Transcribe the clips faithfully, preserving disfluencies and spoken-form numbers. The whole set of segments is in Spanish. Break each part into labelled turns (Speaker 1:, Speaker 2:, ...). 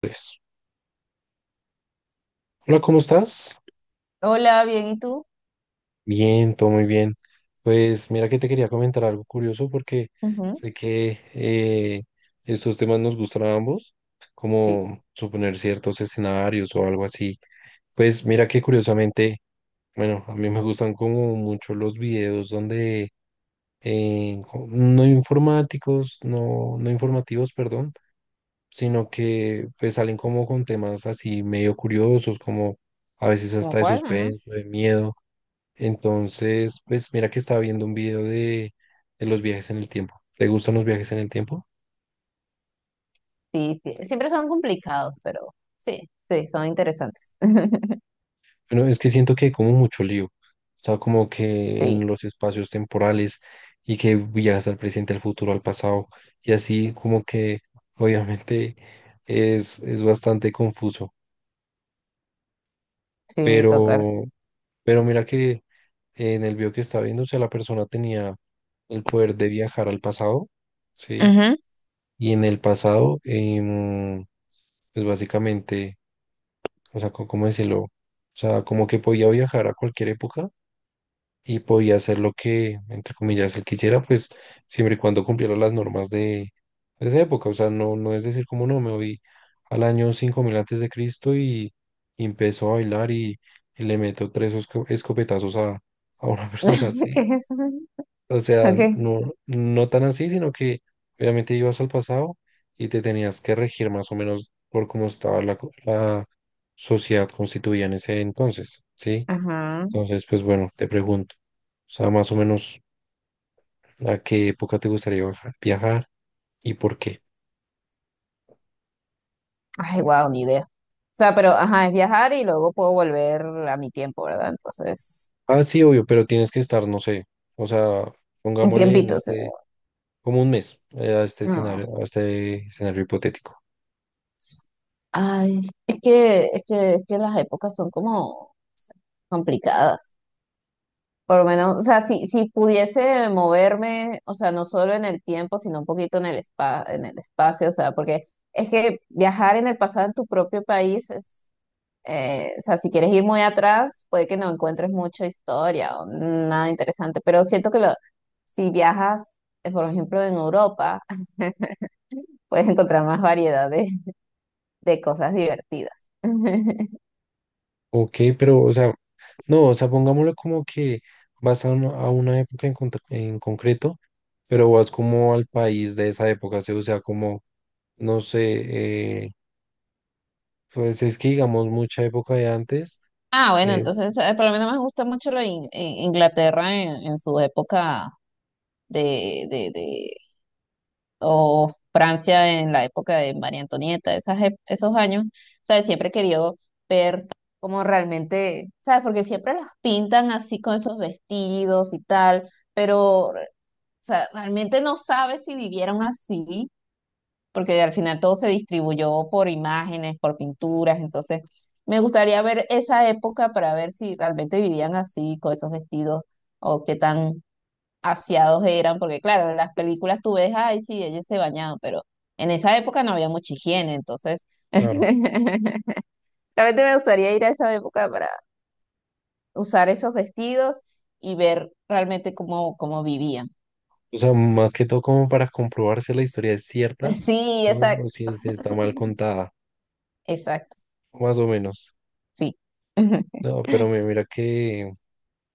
Speaker 1: Pues, hola, ¿cómo estás?
Speaker 2: Hola, bien, ¿y tú?
Speaker 1: Bien, todo muy bien. Pues mira que te quería comentar algo curioso porque
Speaker 2: Ujú.
Speaker 1: sé que eh, estos temas nos gustan a ambos,
Speaker 2: Sí,
Speaker 1: como suponer ciertos escenarios o algo así. Pues mira que curiosamente, bueno, a mí me gustan como mucho los videos donde eh, co- no informáticos, no, no informativos, perdón, sino que pues salen como con temas así medio curiosos, como a veces
Speaker 2: ¿como
Speaker 1: hasta de
Speaker 2: cuál? Ajá.
Speaker 1: suspenso, de miedo. Entonces, pues mira que estaba viendo un video de, de los viajes en el tiempo. ¿Te gustan los viajes en el tiempo?
Speaker 2: Sí, sí, siempre son complicados, pero sí, sí, son interesantes.
Speaker 1: Bueno, es que siento que hay como mucho lío. O sea, como que en
Speaker 2: Sí,
Speaker 1: los espacios temporales y que viajas al presente, al futuro, al pasado. Y así como que obviamente es, es bastante confuso.
Speaker 2: sí, total.
Speaker 1: Pero, pero mira que en el video que estaba viendo, o sea, la persona tenía el poder de viajar al pasado, ¿sí?
Speaker 2: Ujú.
Speaker 1: Y en el pasado, em, pues básicamente, o sea, co- ¿cómo decirlo? O sea, como que podía viajar a cualquier época y podía hacer lo que, entre comillas, él quisiera, pues siempre y cuando cumpliera las normas de, de esa época. O sea, no, no es decir como no, me voy al año cinco mil antes de Cristo y, y empezó a bailar y, y le meto tres esco- escopetazos a, a una persona
Speaker 2: ¿Qué
Speaker 1: así.
Speaker 2: es eso?
Speaker 1: O sea,
Speaker 2: Ok.
Speaker 1: no, no tan así, sino que obviamente ibas al pasado y te tenías que regir más o menos por cómo estaba la, co- la sociedad constituida en ese entonces, ¿sí?
Speaker 2: Ajá.
Speaker 1: Entonces, pues bueno, te pregunto, o sea, más o menos a qué época te gustaría baja- viajar y por qué.
Speaker 2: Ay, wow, ni idea. O sea, pero ajá, es viajar y luego puedo volver a mi tiempo, ¿verdad? Entonces,
Speaker 1: Ah, sí, obvio, pero tienes que estar, no sé, o sea,
Speaker 2: un
Speaker 1: pongámosle en
Speaker 2: tiempito.
Speaker 1: este,
Speaker 2: O
Speaker 1: como un mes, eh, a este
Speaker 2: no.
Speaker 1: escenario, a este escenario hipotético.
Speaker 2: Ay, es que, es que, es que las épocas son como, o sea, complicadas. Por lo menos, o sea, si, si pudiese moverme, o sea, no solo en el tiempo, sino un poquito en el espa en el espacio, o sea, porque es que viajar en el pasado en tu propio país es, eh, o sea, si quieres ir muy atrás, puede que no encuentres mucha historia o nada interesante, pero siento que lo, si viajas, eh, por ejemplo, en Europa, puedes encontrar más variedad de, de cosas divertidas.
Speaker 1: Ok, pero, o sea, no, o sea, pongámoslo como que vas a una, a una época en, contra- en concreto, pero vas como al país de esa época, ¿sí? O sea, como, no sé, eh, pues es que digamos mucha época de antes
Speaker 2: Ah, bueno,
Speaker 1: es,
Speaker 2: entonces, eh, por lo
Speaker 1: es-
Speaker 2: menos me gusta mucho lo de In- In- Inglaterra en en su época de, de, de- o Francia en la época de María Antonieta, esas, ep- esos años, ¿sabes? Siempre he querido ver cómo realmente, ¿sabes? Porque siempre las pintan así con esos vestidos y tal, pero, o sea, realmente no sabes si vivieron así, porque al final todo se distribuyó por imágenes, por pinturas, entonces me gustaría ver esa época para ver si realmente vivían así, con esos vestidos, o qué tan aseados eran, porque claro, en las películas tú ves, ay, sí, ellos se bañaban, pero en esa época no había mucha higiene, entonces
Speaker 1: claro,
Speaker 2: realmente me gustaría ir a esa época para usar esos vestidos y ver realmente cómo, cómo vivían.
Speaker 1: o sea, más que todo como para comprobar si la historia es cierta
Speaker 2: Sí,
Speaker 1: o,
Speaker 2: exacto,
Speaker 1: o si se está mal contada,
Speaker 2: exacto,
Speaker 1: más o menos.
Speaker 2: sí, es
Speaker 1: No, pero mi- mira que,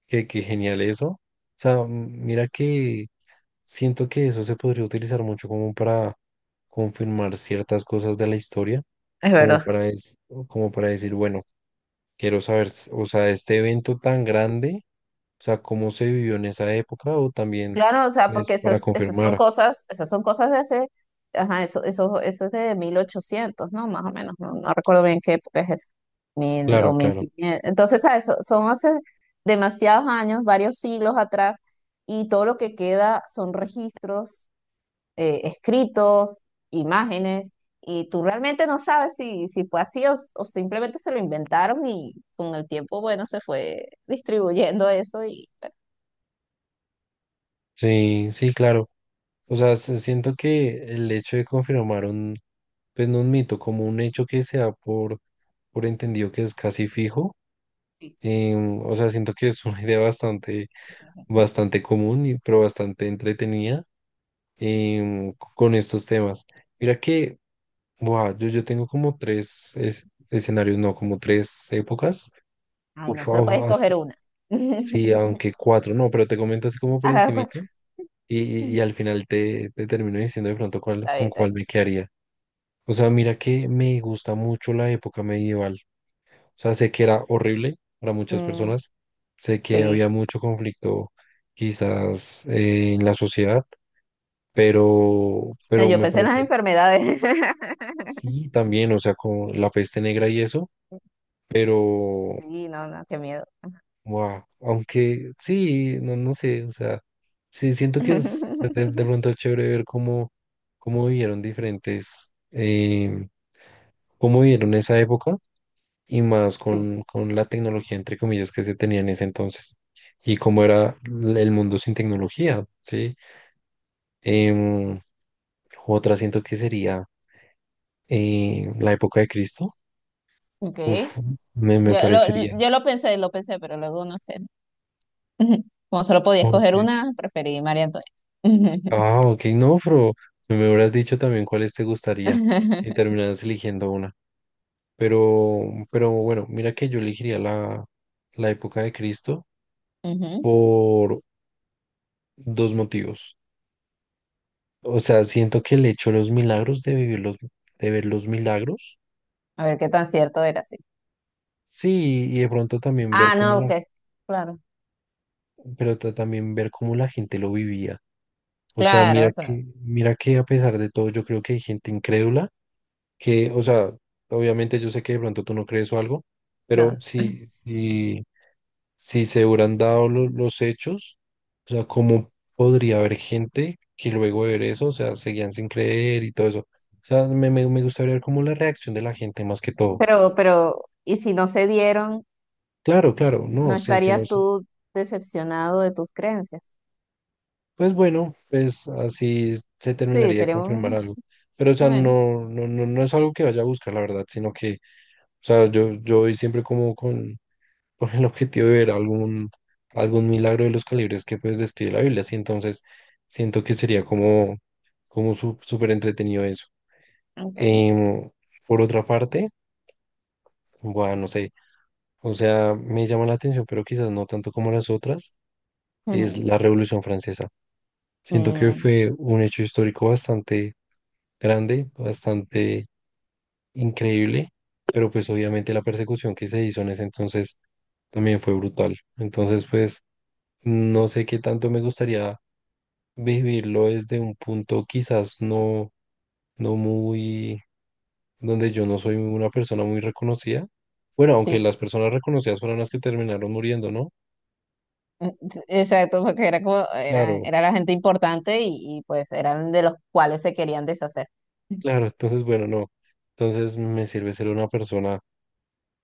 Speaker 1: que, que genial eso. O sea, mira que siento que eso se podría utilizar mucho como para confirmar ciertas cosas de la historia, como
Speaker 2: verdad.
Speaker 1: para, es- como para decir, bueno, quiero saber, s- o sea, este evento tan grande, o sea, cómo se vivió en esa época, o también
Speaker 2: Claro, o sea,
Speaker 1: es
Speaker 2: porque
Speaker 1: para
Speaker 2: esas esas son
Speaker 1: confirmar.
Speaker 2: cosas, esas son cosas de hace, ajá, eso, eso, eso es de mil ochocientos, ¿no? Más o menos, no, no recuerdo bien qué época es eso, mil
Speaker 1: Claro,
Speaker 2: o mil
Speaker 1: claro.
Speaker 2: quinientos. Entonces, ¿sabes? So- Son hace demasiados años, varios siglos atrás, y todo lo que queda son registros, eh, escritos, imágenes, y tú realmente no sabes si, si fue así o, o simplemente se lo inventaron y con el tiempo, bueno, se fue distribuyendo eso y...
Speaker 1: Sí, sí, claro. O sea, se- siento que el hecho de confirmar un, pues no un mito, como un hecho que se da por, por entendido que es casi fijo, em, o sea, siento que es una idea bastante bastante común, y- pero bastante entretenida em, con estos temas. Mira que, buah, yo, yo tengo como tres es- escenarios, no, como tres épocas.
Speaker 2: Ay, no
Speaker 1: Uf,
Speaker 2: solo puedes
Speaker 1: wow, hasta-
Speaker 2: escoger una.
Speaker 1: sí, aunque cuatro, no, pero te comento así como por
Speaker 2: Ahora los
Speaker 1: encimita
Speaker 2: cuatro.
Speaker 1: y, y- y al final te, te termino diciendo de pronto cuál,
Speaker 2: Está bien,
Speaker 1: con
Speaker 2: está
Speaker 1: cuál
Speaker 2: bien.
Speaker 1: me quedaría. O sea, mira que me gusta mucho la época medieval. O sea, sé que era horrible para muchas
Speaker 2: Mm,
Speaker 1: personas, sé que
Speaker 2: sí.
Speaker 1: había mucho conflicto quizás eh, en la sociedad pero,
Speaker 2: No,
Speaker 1: pero
Speaker 2: yo
Speaker 1: me
Speaker 2: pensé en las
Speaker 1: parece,
Speaker 2: enfermedades.
Speaker 1: sí, también, o sea, con la peste negra y eso, pero,
Speaker 2: Sí, no, no, qué miedo.
Speaker 1: wow, aunque sí, no, no sé, o sea, sí, siento que es de, de pronto es chévere ver cómo, cómo vivieron diferentes, eh, cómo vivieron esa época y más
Speaker 2: Sí.
Speaker 1: con, con la tecnología, entre comillas, que se tenía en ese entonces. Y cómo era l- el mundo sin tecnología, ¿sí? Em, otra siento que sería eh, la época de Cristo.
Speaker 2: Ok.
Speaker 1: Uf, me, me
Speaker 2: Yo
Speaker 1: parecería.
Speaker 2: lo, yo lo pensé, lo pensé, pero luego no sé. Como solo podía
Speaker 1: Ok.
Speaker 2: escoger una, preferí María Antonia.
Speaker 1: Ah, ok, no, pero me hubieras dicho también cuáles te gustaría y terminaras eligiendo una. Pero, pero bueno, mira que yo elegiría la, la época de Cristo
Speaker 2: Ujú.
Speaker 1: por dos motivos. O sea, siento que el hecho de los milagros, de vivir los, de ver los milagros,
Speaker 2: A ver qué tan cierto era, sí.
Speaker 1: sí, y de pronto también ver
Speaker 2: Ah,
Speaker 1: cómo
Speaker 2: no,
Speaker 1: la,
Speaker 2: que claro.
Speaker 1: pero ta- también ver cómo la gente lo vivía. O sea,
Speaker 2: Claro,
Speaker 1: mira
Speaker 2: o sea,
Speaker 1: que, mira que a pesar de todo, yo creo que hay gente incrédula que, o sea, obviamente yo sé que de pronto tú no crees o algo,
Speaker 2: no.
Speaker 1: pero si, si, si se hubieran dado lo- los hechos, o sea, ¿cómo podría haber gente que luego de ver eso, o sea, seguían sin creer y todo eso? O sea, me, me, me gustaría ver como la reacción de la gente más que todo.
Speaker 2: Pero, pero, ¿y si no se dieron?
Speaker 1: Claro, claro,
Speaker 2: No
Speaker 1: no, sí, sí, no
Speaker 2: estarías
Speaker 1: sé.
Speaker 2: tú decepcionado de tus creencias.
Speaker 1: Pues bueno, pues así se
Speaker 2: Sí,
Speaker 1: terminaría de confirmar
Speaker 2: seríamos
Speaker 1: algo. Pero, o sea,
Speaker 2: menos.
Speaker 1: no, no, no, no es algo que vaya a buscar, la verdad, sino que, o sea, yo, yo voy siempre como con, con el objetivo de ver algún, algún milagro de los calibres que pues describe la Biblia. Así entonces siento que sería como, como su- súper entretenido eso.
Speaker 2: Okay.
Speaker 1: Em, por otra parte, bueno, no sé, o sea, me llama la atención, pero quizás no tanto como las otras, es
Speaker 2: Ujú.
Speaker 1: la Revolución Francesa. Siento que
Speaker 2: Mm,
Speaker 1: fue un hecho histórico bastante grande, bastante increíble, pero pues obviamente la persecución que se hizo en ese entonces también fue brutal. Entonces, pues no sé qué tanto me gustaría vivirlo desde un punto quizás no, no muy, donde yo no soy una persona muy reconocida. Bueno, aunque
Speaker 2: sí.
Speaker 1: las personas reconocidas fueron las que terminaron muriendo, ¿no?
Speaker 2: Mm, s- exacto, porque era como, era,
Speaker 1: Claro,
Speaker 2: era la gente importante y, y, pues eran de los cuales se querían deshacer.
Speaker 1: claro, entonces bueno, no. Entonces me sirve ser una persona,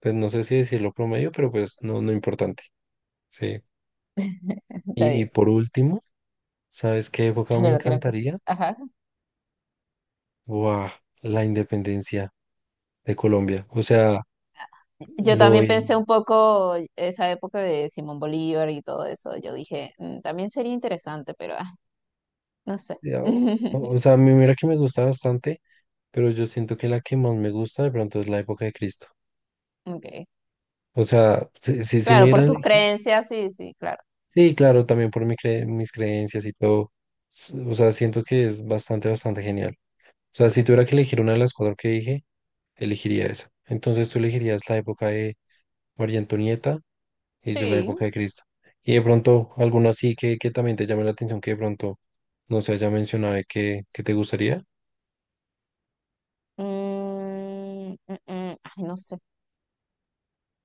Speaker 1: pues no sé si decirlo promedio, pero pues no, no importante. Sí.
Speaker 2: Está
Speaker 1: Y, y
Speaker 2: bien.
Speaker 1: por último, ¿sabes qué época me
Speaker 2: De lo que
Speaker 1: encantaría?
Speaker 2: ajá.
Speaker 1: Buah, la independencia de Colombia. O sea,
Speaker 2: Yo
Speaker 1: lo...
Speaker 2: también
Speaker 1: il-
Speaker 2: pensé un poco esa época de Simón Bolívar y todo eso. Yo dije, "Mm, también sería interesante, pero ah, no sé".
Speaker 1: ya, O o sea, a mí mira que me gusta bastante. Pero yo siento que la que más me gusta de pronto es la época de Cristo.
Speaker 2: Okay.
Speaker 1: O sea, si, si, si me
Speaker 2: Claro, por
Speaker 1: dieran a
Speaker 2: tus
Speaker 1: elegir-
Speaker 2: creencias, sí, sí, claro.
Speaker 1: sí, claro, también por mi cre- mis creencias y todo. S- O sea, siento que es bastante, bastante genial. O sea, si tuviera que elegir una de las cuatro que dije, elegiría esa. Entonces tú elegirías la época de María Antonieta y yo la época
Speaker 2: Sí.
Speaker 1: de Cristo. Y de pronto alguna así que, que también te llame la atención que de pronto no se haya mencionado y que, que te gustaría.
Speaker 2: Mm, mm, mm, ay, no sé.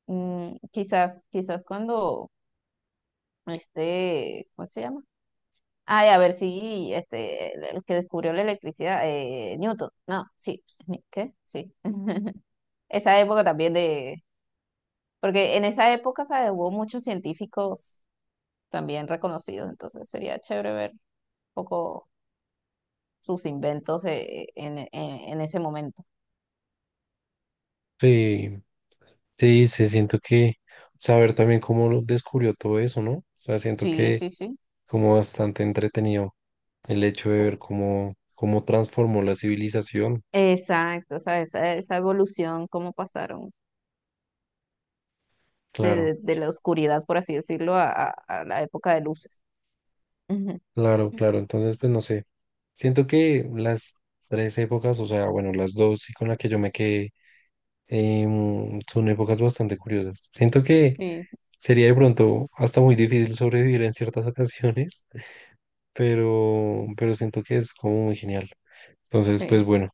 Speaker 2: Mm, quizás, quizás cuando este, ¿cómo se llama? Ay, a ver si este, el el que descubrió la electricidad, eh, Newton. No, sí. Ni- ¿Qué? Sí. Esa época también de, porque en esa época, ¿sabes? Hubo muchos científicos también reconocidos, entonces sería chévere ver un poco sus inventos eh, en, en, en ese momento.
Speaker 1: Sí. Sí, se siento que saber también cómo lo descubrió todo eso, ¿no? O sea, siento
Speaker 2: Sí,
Speaker 1: que
Speaker 2: sí, sí.
Speaker 1: como bastante entretenido el hecho de ver cómo, cómo transformó la civilización.
Speaker 2: Exacto, ¿sabes? Esa, esa evolución, cómo pasaron
Speaker 1: Claro,
Speaker 2: de, de la oscuridad, por así decirlo, a, a- a la época de luces. Ujú.
Speaker 1: claro, claro. Entonces, pues no sé. Siento que las tres épocas, o sea, bueno, las dos y con la que yo me quedé, em, son épocas bastante curiosas. Siento que
Speaker 2: Sí,
Speaker 1: sería de pronto hasta muy difícil sobrevivir en ciertas ocasiones, pero, pero siento que es como muy genial. Entonces, pues
Speaker 2: sí.
Speaker 1: bueno.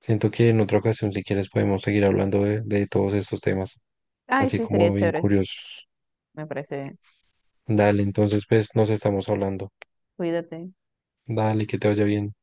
Speaker 1: Siento que en otra ocasión, si quieres, podemos seguir hablando de, de todos estos temas,
Speaker 2: Ay,
Speaker 1: así
Speaker 2: sí,
Speaker 1: como
Speaker 2: sería
Speaker 1: bien
Speaker 2: chévere,
Speaker 1: curiosos.
Speaker 2: me parece.
Speaker 1: Dale, entonces, pues nos estamos hablando.
Speaker 2: Cuídate.
Speaker 1: Dale, que te vaya bien.